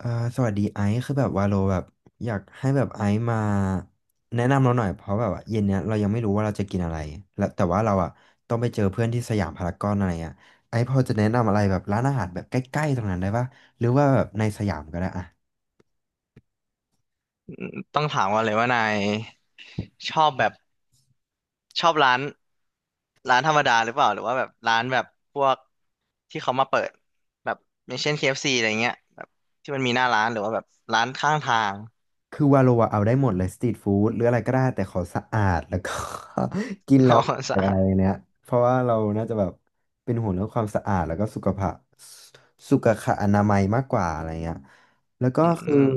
อ่าสวัสดีไอซ์คือแบบว่าโลแบบอยากให้แบบไอซ์มาแนะนำเราหน่อยเพราะแบบว่าเย็นเนี้ยเรายังไม่รู้ว่าเราจะกินอะไรแล้วแต่ว่าเราอ่ะต้องไปเจอเพื่อนที่สยามพารากอนอะไรอ่ะไอซ์พอจะแนะนำอะไรแบบร้านอาหารแบบใกล้ๆตรงนั้นได้ปะหรือว่าแบบในสยามก็ได้อ่ะ ต้องถามก่อนเลยว่านายชอบแบบชอบร้านธรรมดาหรือเปล่าหรือว่าแบบร้านแบบพวกที่เขามาเปิดแบบอย่างเช่น KFC อฟซีอะไรเงี้ยแบบที่มันมีหน้าร้านหรือว่าแบบร้านข้างทาง คือวาโลอะเอาได้หมดเลยสตรีทฟู้ดหรืออะไรก็ได้แต่ขอสะอาด แล้วก็ กิน นแล้อวกไม่สะเป็นอะอาไรดเนี้ยเพราะว่าเราน่าจะแบบเป็นห่วงเรื่องความสะอาดแล้วก็สุขภาพสุขะอนามัยมากกว่าอะไรเงี้ยแล้วก็อืคือม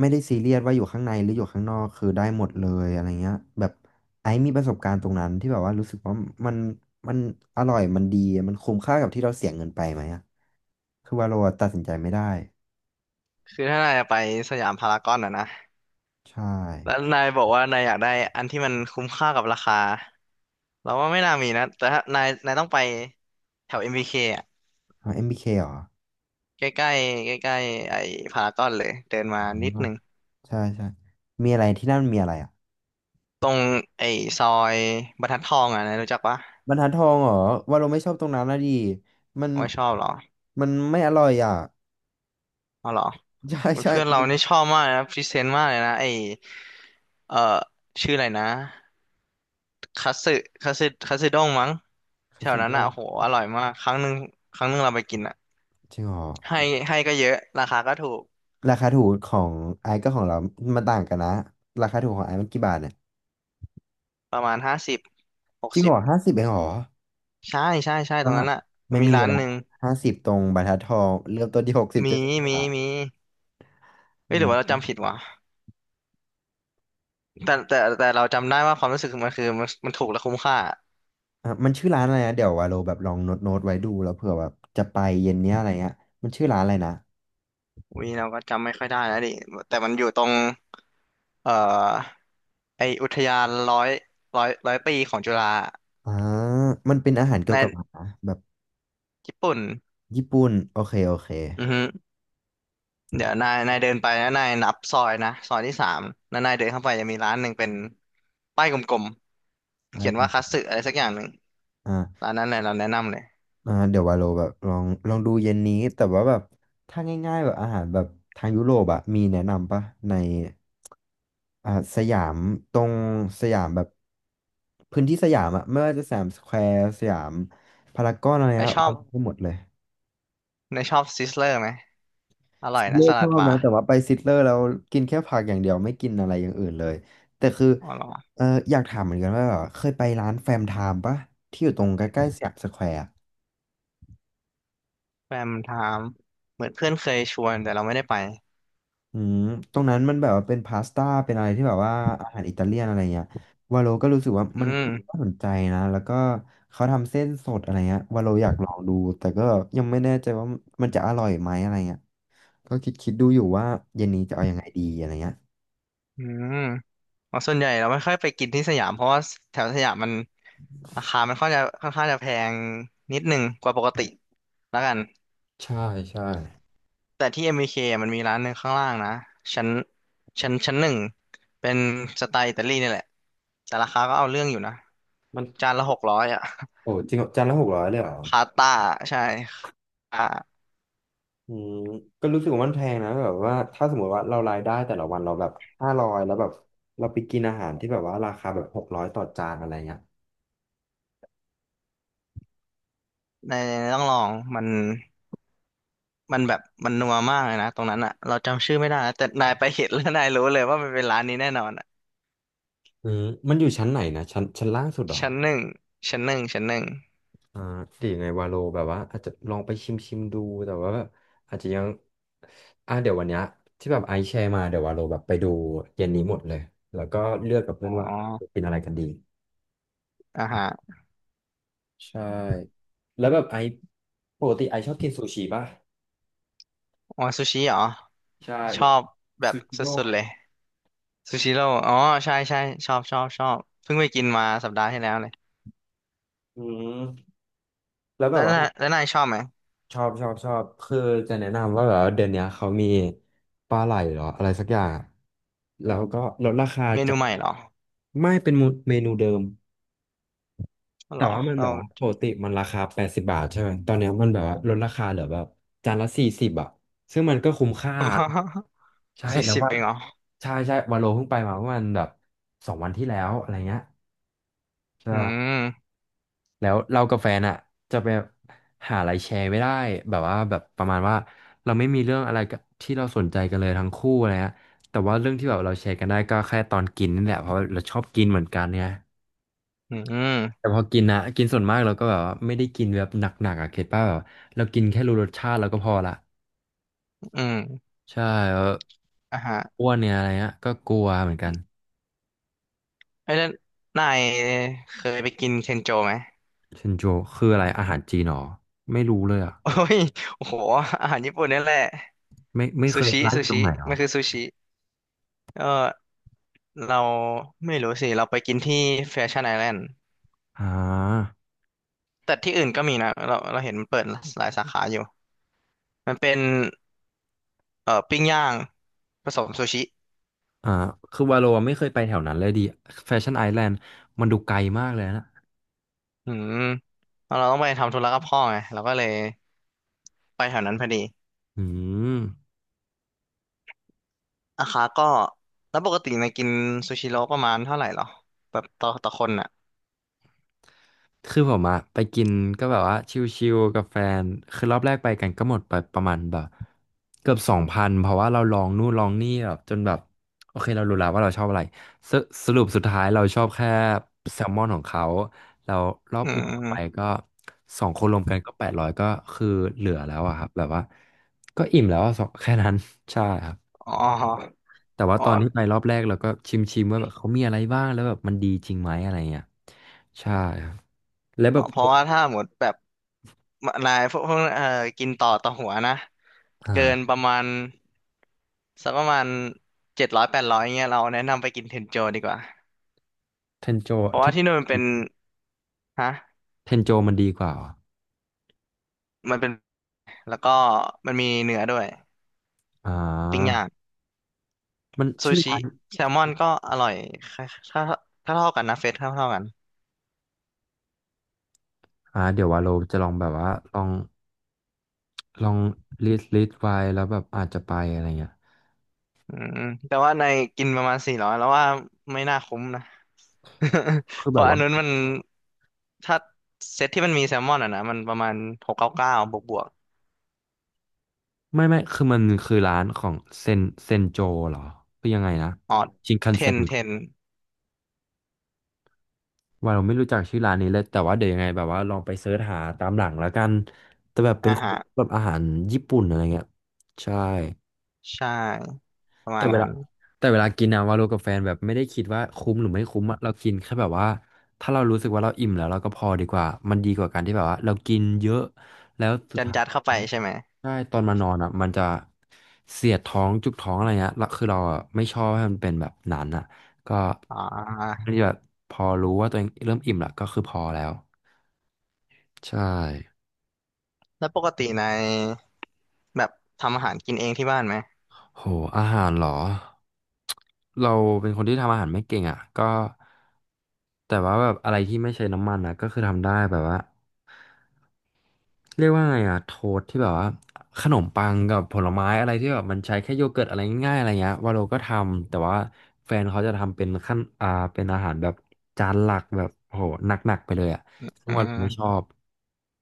ไม่ได้ซีเรียสว่าอยู่ข้างในหรืออยู่ข้างนอกคือได้หมดเลยอะไรเงี้ยแบบไอ้มีประสบการณ์ตรงนั้นที่แบบว่ารู้สึกว่ามันมันอร่อยมันดีมันคุ้มค่ากับที่เราเสียเงินไปไหมอะคือวาโลตัดสินใจไม่ได้คือถ้านายจะไปสยามพารากอนอ่ะนะใช่แล้วนายบอกว่านายอยากได้อันที่มันคุ้มค่ากับราคาเราว่าไม่น่ามีนะแต่ถ้านายต้องไปแถว MBK อมบีเคอ่ะเอาเอ็มบีเคเหรอ ใกล้ๆใกล้ๆไอ้พารากอนเลยเดินมานิดนึง ใช่ใช่มีอะไรที่นั่นมีอะไรอ่ะตรงไอ้ซอยบรรทัดทองอ่ะนะรู้จักปะบรรทัดทองเหรอว่าเราไม่ชอบตรงนั้นนะดิมันไม่ชอบเหรอมันไม่อร่อยอ่ะ เอาเหรอ ใช่ใช่เพื่อนเรามันนี่ชอบมากนะพรีเซนต์มากเลยนะไอ้เอ่อชื่ออะไรนะคัตสึคัตสึด้งมั้งแถคาวสินั้โงนอ่ะโหอร่อยมากครั้งหนึ่งเราไปกินอ่ะจริงเหรอให้ให้ก็เยอะราคาก็ถูกราคาถูกของไอ้กับของเรามันต่างกันนะราคาถูกของไอ้์มันกี่บาทเนี่ยประมาณห้าสิบหจกริงสิเหรบอ50 เองเหรอใช่ใช่ใช่ก็ตรงนั้นอ่ะไม่มีมีร้านละหนึ่ง50 ตรงบรรทัดทองเริ่มต้นที่หกสิบเจ็มีดสิบมีบาทมีเอ้ยหรือว่าเราอืมจำผิดวะแต่เราจำได้ว่าความรู้สึกมันคือมันถูกและคุ้มค่า อ่ะมันชื่อร้านอะไรนะเดี๋ยววาโลแบบลองโน้ตโน้ตไว้ดูแล้วเผื่อแบบจะไปเย็นเนี้ยอะไรเงี้ยมันชื่อร้านอะไรนะ วีเราก็จำไม่ค่อยได้แล้วดิแต่มันอยู่ตรงเอ่อไออุทยานร้อยปีของจุฬาอ่ามันเป็นอาหารเกี่ในยวกับอาหารนะแบบญี่ปุ่นญี่ปุ่นโอเคโอเคอือฮึเดี๋ยวนายเดินไปนะนายนับซอยนะซอยที่สามแล้วนายเดินเข้าไปจะมีร้านหนึ่งเป็นป้ายกลมไปๆเขียนกันว่าคัตสึอะไรสักอย่างหนึ่งอ่าร้านนั้นเลยเราแนะนำเลยเดี๋ยววาโลแบบลองลองดูเย็นนี้แต่ว่าแบบถ้าง่ายๆแบบอาหารแบบทางยุโรปอะมีแนะนำปะในสยามตรงสยามแบบพื้นที่สยามอะไม่ว่าจะสยามสแควร์สยามพารากอนอะไรนาเงี้ยยชอวาบโลได้หมดเลย นายชอบซิสเลอร์ไหมอร่ซิอยตเลนะอสร์ชลัอดบบานะร์แต่ว่าไปซิตเลอร์แล้วกินแค่ผักอย่างเดียวไม่กินอะไรอย่างอื่นเลยแต่คืออ๋อเหรอเอออยากถามเหมือนกันว่าแบบเคยไปร้านแฟมไทม์ปะที่อยู่ตรงใกล้ๆสยามสแควร์อะแฟมันถามเหมือนเพื่อนเคยชวนแต่เราไม่ได้ไปอืมตรงนั้นมันแบบว่าเป็นพาสต้าเป็นอะไรที่แบบว่าอาหารอิตาเลียนอะไรเงี้ยวาโลก็รู้สึกว่าอืมันก็มน่าสนใจนะแล้วก็เขาทำเส้นสดอะไรเงี้ยวาโลอยากลองดูแต่ก็ยังไม่แน่ใจว่ามันจะอร่อยไหมอะไรเงี้ยก็คิดคิดดูอยู่ว่าเย็นนี้จะเอายังไงดีอะไรเงี้ยอืม อ๋อส่วนใหญ่เราไม่ค่อยไปกินที่สยามเพราะว่าแถวสยามมันราคามันค่อนข้างจะแพงนิดหนึ่งกว่าปกติแล้วกันใช่ใช่แต่ที่ MBK มบีเคมันมีร้านหนึ่งข้างล่างนะชั้นชั้นหนึ่งเป็นสไตล์อิตาลีนี่แหละแต่ราคาก็เอาเรื่องอยู่นะมัน จานละ600อะโอ้จริงเหรอจานละ 600เลยเหรอพาสต้าใช่อ่าอืมก็รู้สึกว่ามันแพงนะแบบว่าถ้าสมมติว่าเรารายได้แต่ละวันเราแบบ500แล้วแบบเราไปกินอาหารที่แบบว่าราคาแบบ600 ต่อจานอะไรเงี้ยในต้องลองมันมันแบบมันนัวมากเลยนะตรงนั้นอะเราจำชื่อไม่ได้นะแต่นายไปเห็นแล้วนายรู้เลยว่ามันเป็นร้านนี้แน่นอนอะอืมมันอยู่ชั้นไหนนะชั้นชั้นล่างสุดเหรอชั้นหนึ่งชั้นหนึ่งชั้นหนึ่ง อ่าหรือยังไงวาโลแบบว่าอาจจะลองไปชิมชิมดูแต่ว่าแบบอาจจะยังเดี๋ยววันเนี้ยที่แบบไอซ์แชร์มาเดี๋ยววาโลแบบไปดูเย็นนี้หมดเลยแล้วก็เลือกกับเพื่อ๋ออนว่าเป็นอะไรกันดีอาหารใช่แล้วแบบไอซ์ปกติไอซ์ชอบกินซูชิป่ะ อ๋อซูชิเหรอ ใช่ชแบอบบแบบซูชิสโรุ่ดๆเลยซูชิโร่อ๋อใช่ใช่ชอบชอบชอบ เพิ่งไปกินมาสัปดาห์ที่แล้วเลย อืมแล้วแบบว่าแล้วนายชอบไหม ชอบชอบชอบคือจะแนะนำว่าแบบว่าเดือนเนี้ยเขามีปลาไหลเหรออะไรสักอย่างอะแล้วก็ลดราคาเมจานูกใหม่เหรอไม่เป็นเมนูเดิมเหแต่รอว่ามันแบเรา บว่าปกติมันราคา80 บาทใช่ไหมตอนเนี้ยมันแบบว่าลดราคาเหลือแบบจานละ 40อ่ะซึ่งมันก็คุ้มค่า ใช่สี่แล้วสิบว่าเองเหรอใช่ใช่วาโลเพิ่งไปมาเมื่อวันแบบ2 วันที่แล้วอะไรเงี้ยอืใช่ มแล้วเรากับแฟนอ่ะจะไปหาอะไรแชร์ไม่ได้แบบว่าแบบประมาณว่าเราไม่มีเรื่องอะไรกับที่เราสนใจกันเลยทั้งคู่อะไรเงี้ยแต่ว่าเรื่องที่แบบเราแชร์กันได้ก็แค่ตอนกินนี่แหละเพราะว่าเราชอบกินเหมือนกันเนี่ยอืมแต่พอกินนะกินส่วนมากเราก็แบบว่าไม่ได้กินแบบหนักๆอ่ะเข็ดป่ะแบบเรากินแค่รู้รสชาติเราก็พอละอืมใช่แล้วอ่ะฮะอ้วนเนี่ยอะไรเงี้ยก็กลัวเหมือนกันเอ้ยแล้วนายเคยไปกินเทนโจไหม เชนโจคืออะไรอาหารจีนหรอไม่รู้เลยอ่ะ โอ้ยโอ้โหอาหารญี่ปุ่นนี่แหละไม่เคซูยชิร้านอซูยู่ตรงชิไหนหรอมันคือซูชิ ก็เราไม่รู้สิเราไปกินที่แฟชั่นไอแลนด์อ่า แต่ที่อื่นก็มีนะเราเห็นมันเปิดหลายสาขาอยู่มันเป็นปิ้งย่างผสมซูชิอ่าคือวาโลไม่เคยไปแถวนั้นเลยดิแฟชั่นไอแลนด์มันดูไกลมากเลยนะอืมแล้วเราต้องไปทำธุระกับพ่อไงเราก็เลยไปแถวนั้นพอดีอืมราคาก็แล้วปกติในยกินซูชิโร่ประมาณเท่าไหร่หรอแบบต่อคนอ่ะคือผมอะไปกินก็แบบว่าชิลๆกับแฟนคือรอบแรกไปกันก็หมดไปประมาณแบบเกือบ2,000เพราะว่าเราลองนู่นลองนี่แบบจนแบบโอเคเรารู้แล้วว่าเราชอบอะไรสสรุปสุดท้ายเราชอบแค่แซลมอนของเขาแล้วรอบอือื่นไปมก็สองคนรวมกันก็800ก็คือเหลือแล้วอะครับแบบว่าก็อิ่มแล้วอะสอง แค่นั้น ใช่ครับ อแต่ว่า๋อตอนที่ไปรอบแรกเราก็ชิมว่าแบบเขามีอะไรบ้างแล้วแบบมันดีจริงไหมอะไรเงี้ยใช่ครับแล้วแบอ๋อบเพราะว่าถ้าหมดแบบ นายพวกพวกกินต่อหัวนะเกินปอ่าระมาณสักประมาณ700 800เงี้ยเราแนะนำไปกินเทนโจดีกว่าเทนโจเพราะเทว่านที่นู่นมันเป็นฮะเทนโจมันดีกว่าเหรอมันเป็นแล้วก็มันมีเนื้อด้วยอ่ปิ้งย่าางมันซูชื่อชิร้านแซลมอนก็อร่อยถ้าถ้าเท่ากันนะเฟสเท่ากันอ่าเดี๋ยวว่าเราจะลองแบบว่าลองลิสต์ไว้แล้วแบบอาจจะไปอะไรเงี้ยอืมแต่ว่าในกินประมาณ400แล้วว่าไม่น่าคุ้มนะ คื อเพแบบราะอันว่านู้นมันถ้าเซตที่มันมีแซลมอนอ่ะนะมันประมาณ699บวกบวก ไม่คือมันคือร้านของเซนเซนโจเหรอคือยังไงนะอ๋อชินคัเทนเซ็น นเทนว่าเราไม่รู้จักชื่อร้านนี้เลยแต่ว่าเดี๋ยวยังไงแบบว่าลองไปเสิร์ชหาตามหลังแล้วกันแต่แบบเป็อ่านของฮะแบบอาหารญี่ปุ่นอะไรเงี้ยใช่ ใช่ประมาแต่ณเวนั้ลานแต่เวลากินอะวาโลกับแฟนแบบไม่ได้คิดว่าคุ้มหรือไม่คุ้มอะเรากินแค่แบบว่าถ้าเรารู้สึกว่าเราอิ่มแล้วเราก็พอดีกว่ามันดีกว่าการที่แบบว่าเรากินเยอะแล้วสุดยัดท้ายยัดเข้าไปใช่ไหมใช่ตอนมานอนอะมันจะเสียดท้องจุกท้องอะไรเงี้ยแล้วคือเราอะไม่ชอบให้มันเป็นแบบนั้นอะก็อ่อัานจะแบบพอรู้ว่าตัวเองเริ่มอิ่มละก็คือพอแล้วใช่ แล้วปกติในแบบทำอาหารกินเองที่บ้านไหมโห อาหารเหรอ เราเป็นคนที่ทำอาหารไม่เก่งอ่ะ ก็แต่ว่าแบบอะไรที่ไม่ใช้น้ำมันอ่ะก็คือทำได้แบบว่า เรียกว่าไงอะโทสที่แบบว่าขนมปังกับผลไม้อะไรที่แบบมันใช้แค่โยเกิร์ตอะไรง่ายๆอะไรเงี้ยวาโลก็ทำแต่ว่าแฟนเขาจะทำเป็นขั้นอ่าเป็นอาหารแบบจานหลักแบบโหหนักๆไปเลยอะซึ่งอืวาโลไม่ชมอบ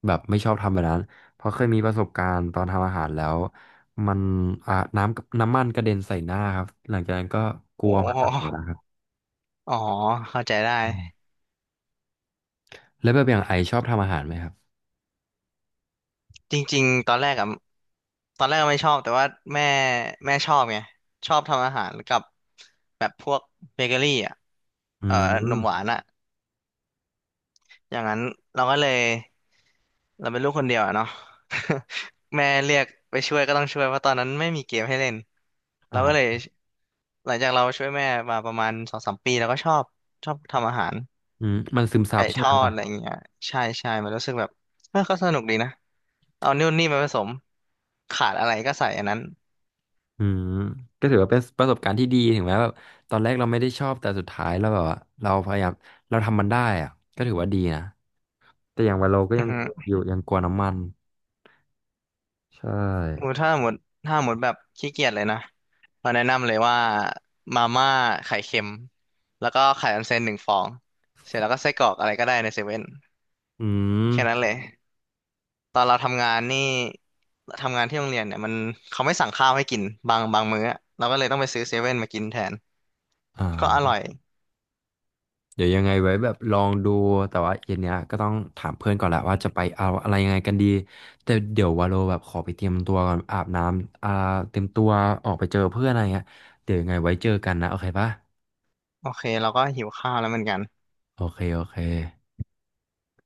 แบบไม่ชอบทำแบบนั้นเพราะเคยมีประสบการณ์ตอนทำอาหารแล้วมันอ่าน้ำกับน้ำมันกระเด็นใส่หน้าครับหลังจากนั้นก็กโอลัวมา้กอ๋อเข้าใจได้ อืมแล้วแบบอย่างไอชอบทำอาหารไหมครับจริงๆตอนแรกอะตอนแรกก็ไม่ชอบ แต่ว่าแม่แม่ชอบไงชอบทำอาหารกับแบบพวกเบเกอรี่อ่ะ อืขนมหวามนอ่ะ อย่างนั้นเราก็เลยเราเป็นลูกคนเดียวอะเนาะ แม่เรียกไปช่วยก็ต้องช่วยเพราะตอนนั้นไม่มีเกมให้เล่นเราก็เลยอ่าหลังจากเราช่วยแม่มาประมาณ2 3 ปีแล้วก็ชอบทำอาหารอืมมันซึมซัไก่บใช่ทไหอดม อะไรอย่างเงี้ยใช่ใช่มันรู้สึกแบบเออก็สนุกดีนะเอานู่นนี่มาผสมขาดอะไรก็ใส่อันนั้นอืมก็ถือว่าเป็นประสบการณ์ที่ดีถึงแม้แบบตอนแรกเราไม่ได้ชอบแต่สุดท้ายเราแบบว่าเราพยายามเราทำมันได้อะก็ถือว่าดีนะแต่อย่างว่าโลก็อืยัองฮึ กลัวอยู่ยังกลัวน้ำมันใช่หมูถ้าหมดแบบขี้เกียจเลยนะเราแนะนำเลยว่ามาม่าไข่เค็มแล้วก็ไข่ออนเซ็นหนึ่งฟองเสร็จแล้วก็ไส้กรอกอะไรก็ได้ในเซเว่นอืมแค่นั้นเลยตอนเราทำงานนี่ทำงานที่โรงเรียนเนี่ยมันเขาไม่สั่งข้าวให้กินบางมื้ออะเราก็เลยต้องไปซื้อเซเว่นมากินแทนอก็อ่าร่อยเดี๋ยวยังไงไว้แบบลองดูแต่ว่าเย็นเนี้ยก็ต้องถามเพื่อนก่อนแหละว่าจะไปเอาอะไรยังไงกันดีแต่เดี๋ยววาโลแบบขอไปเตรียมตัวก่อนอาบน้ำอ่าเตรียมตัวออกไปเจอเพื่อนอะไรเงี้ยเดี๋ยวยังไงไว้เจอกันนะโอเคปะโอเคเราก็หิวข้าวแล้วเหมือนกันโอเคโอเค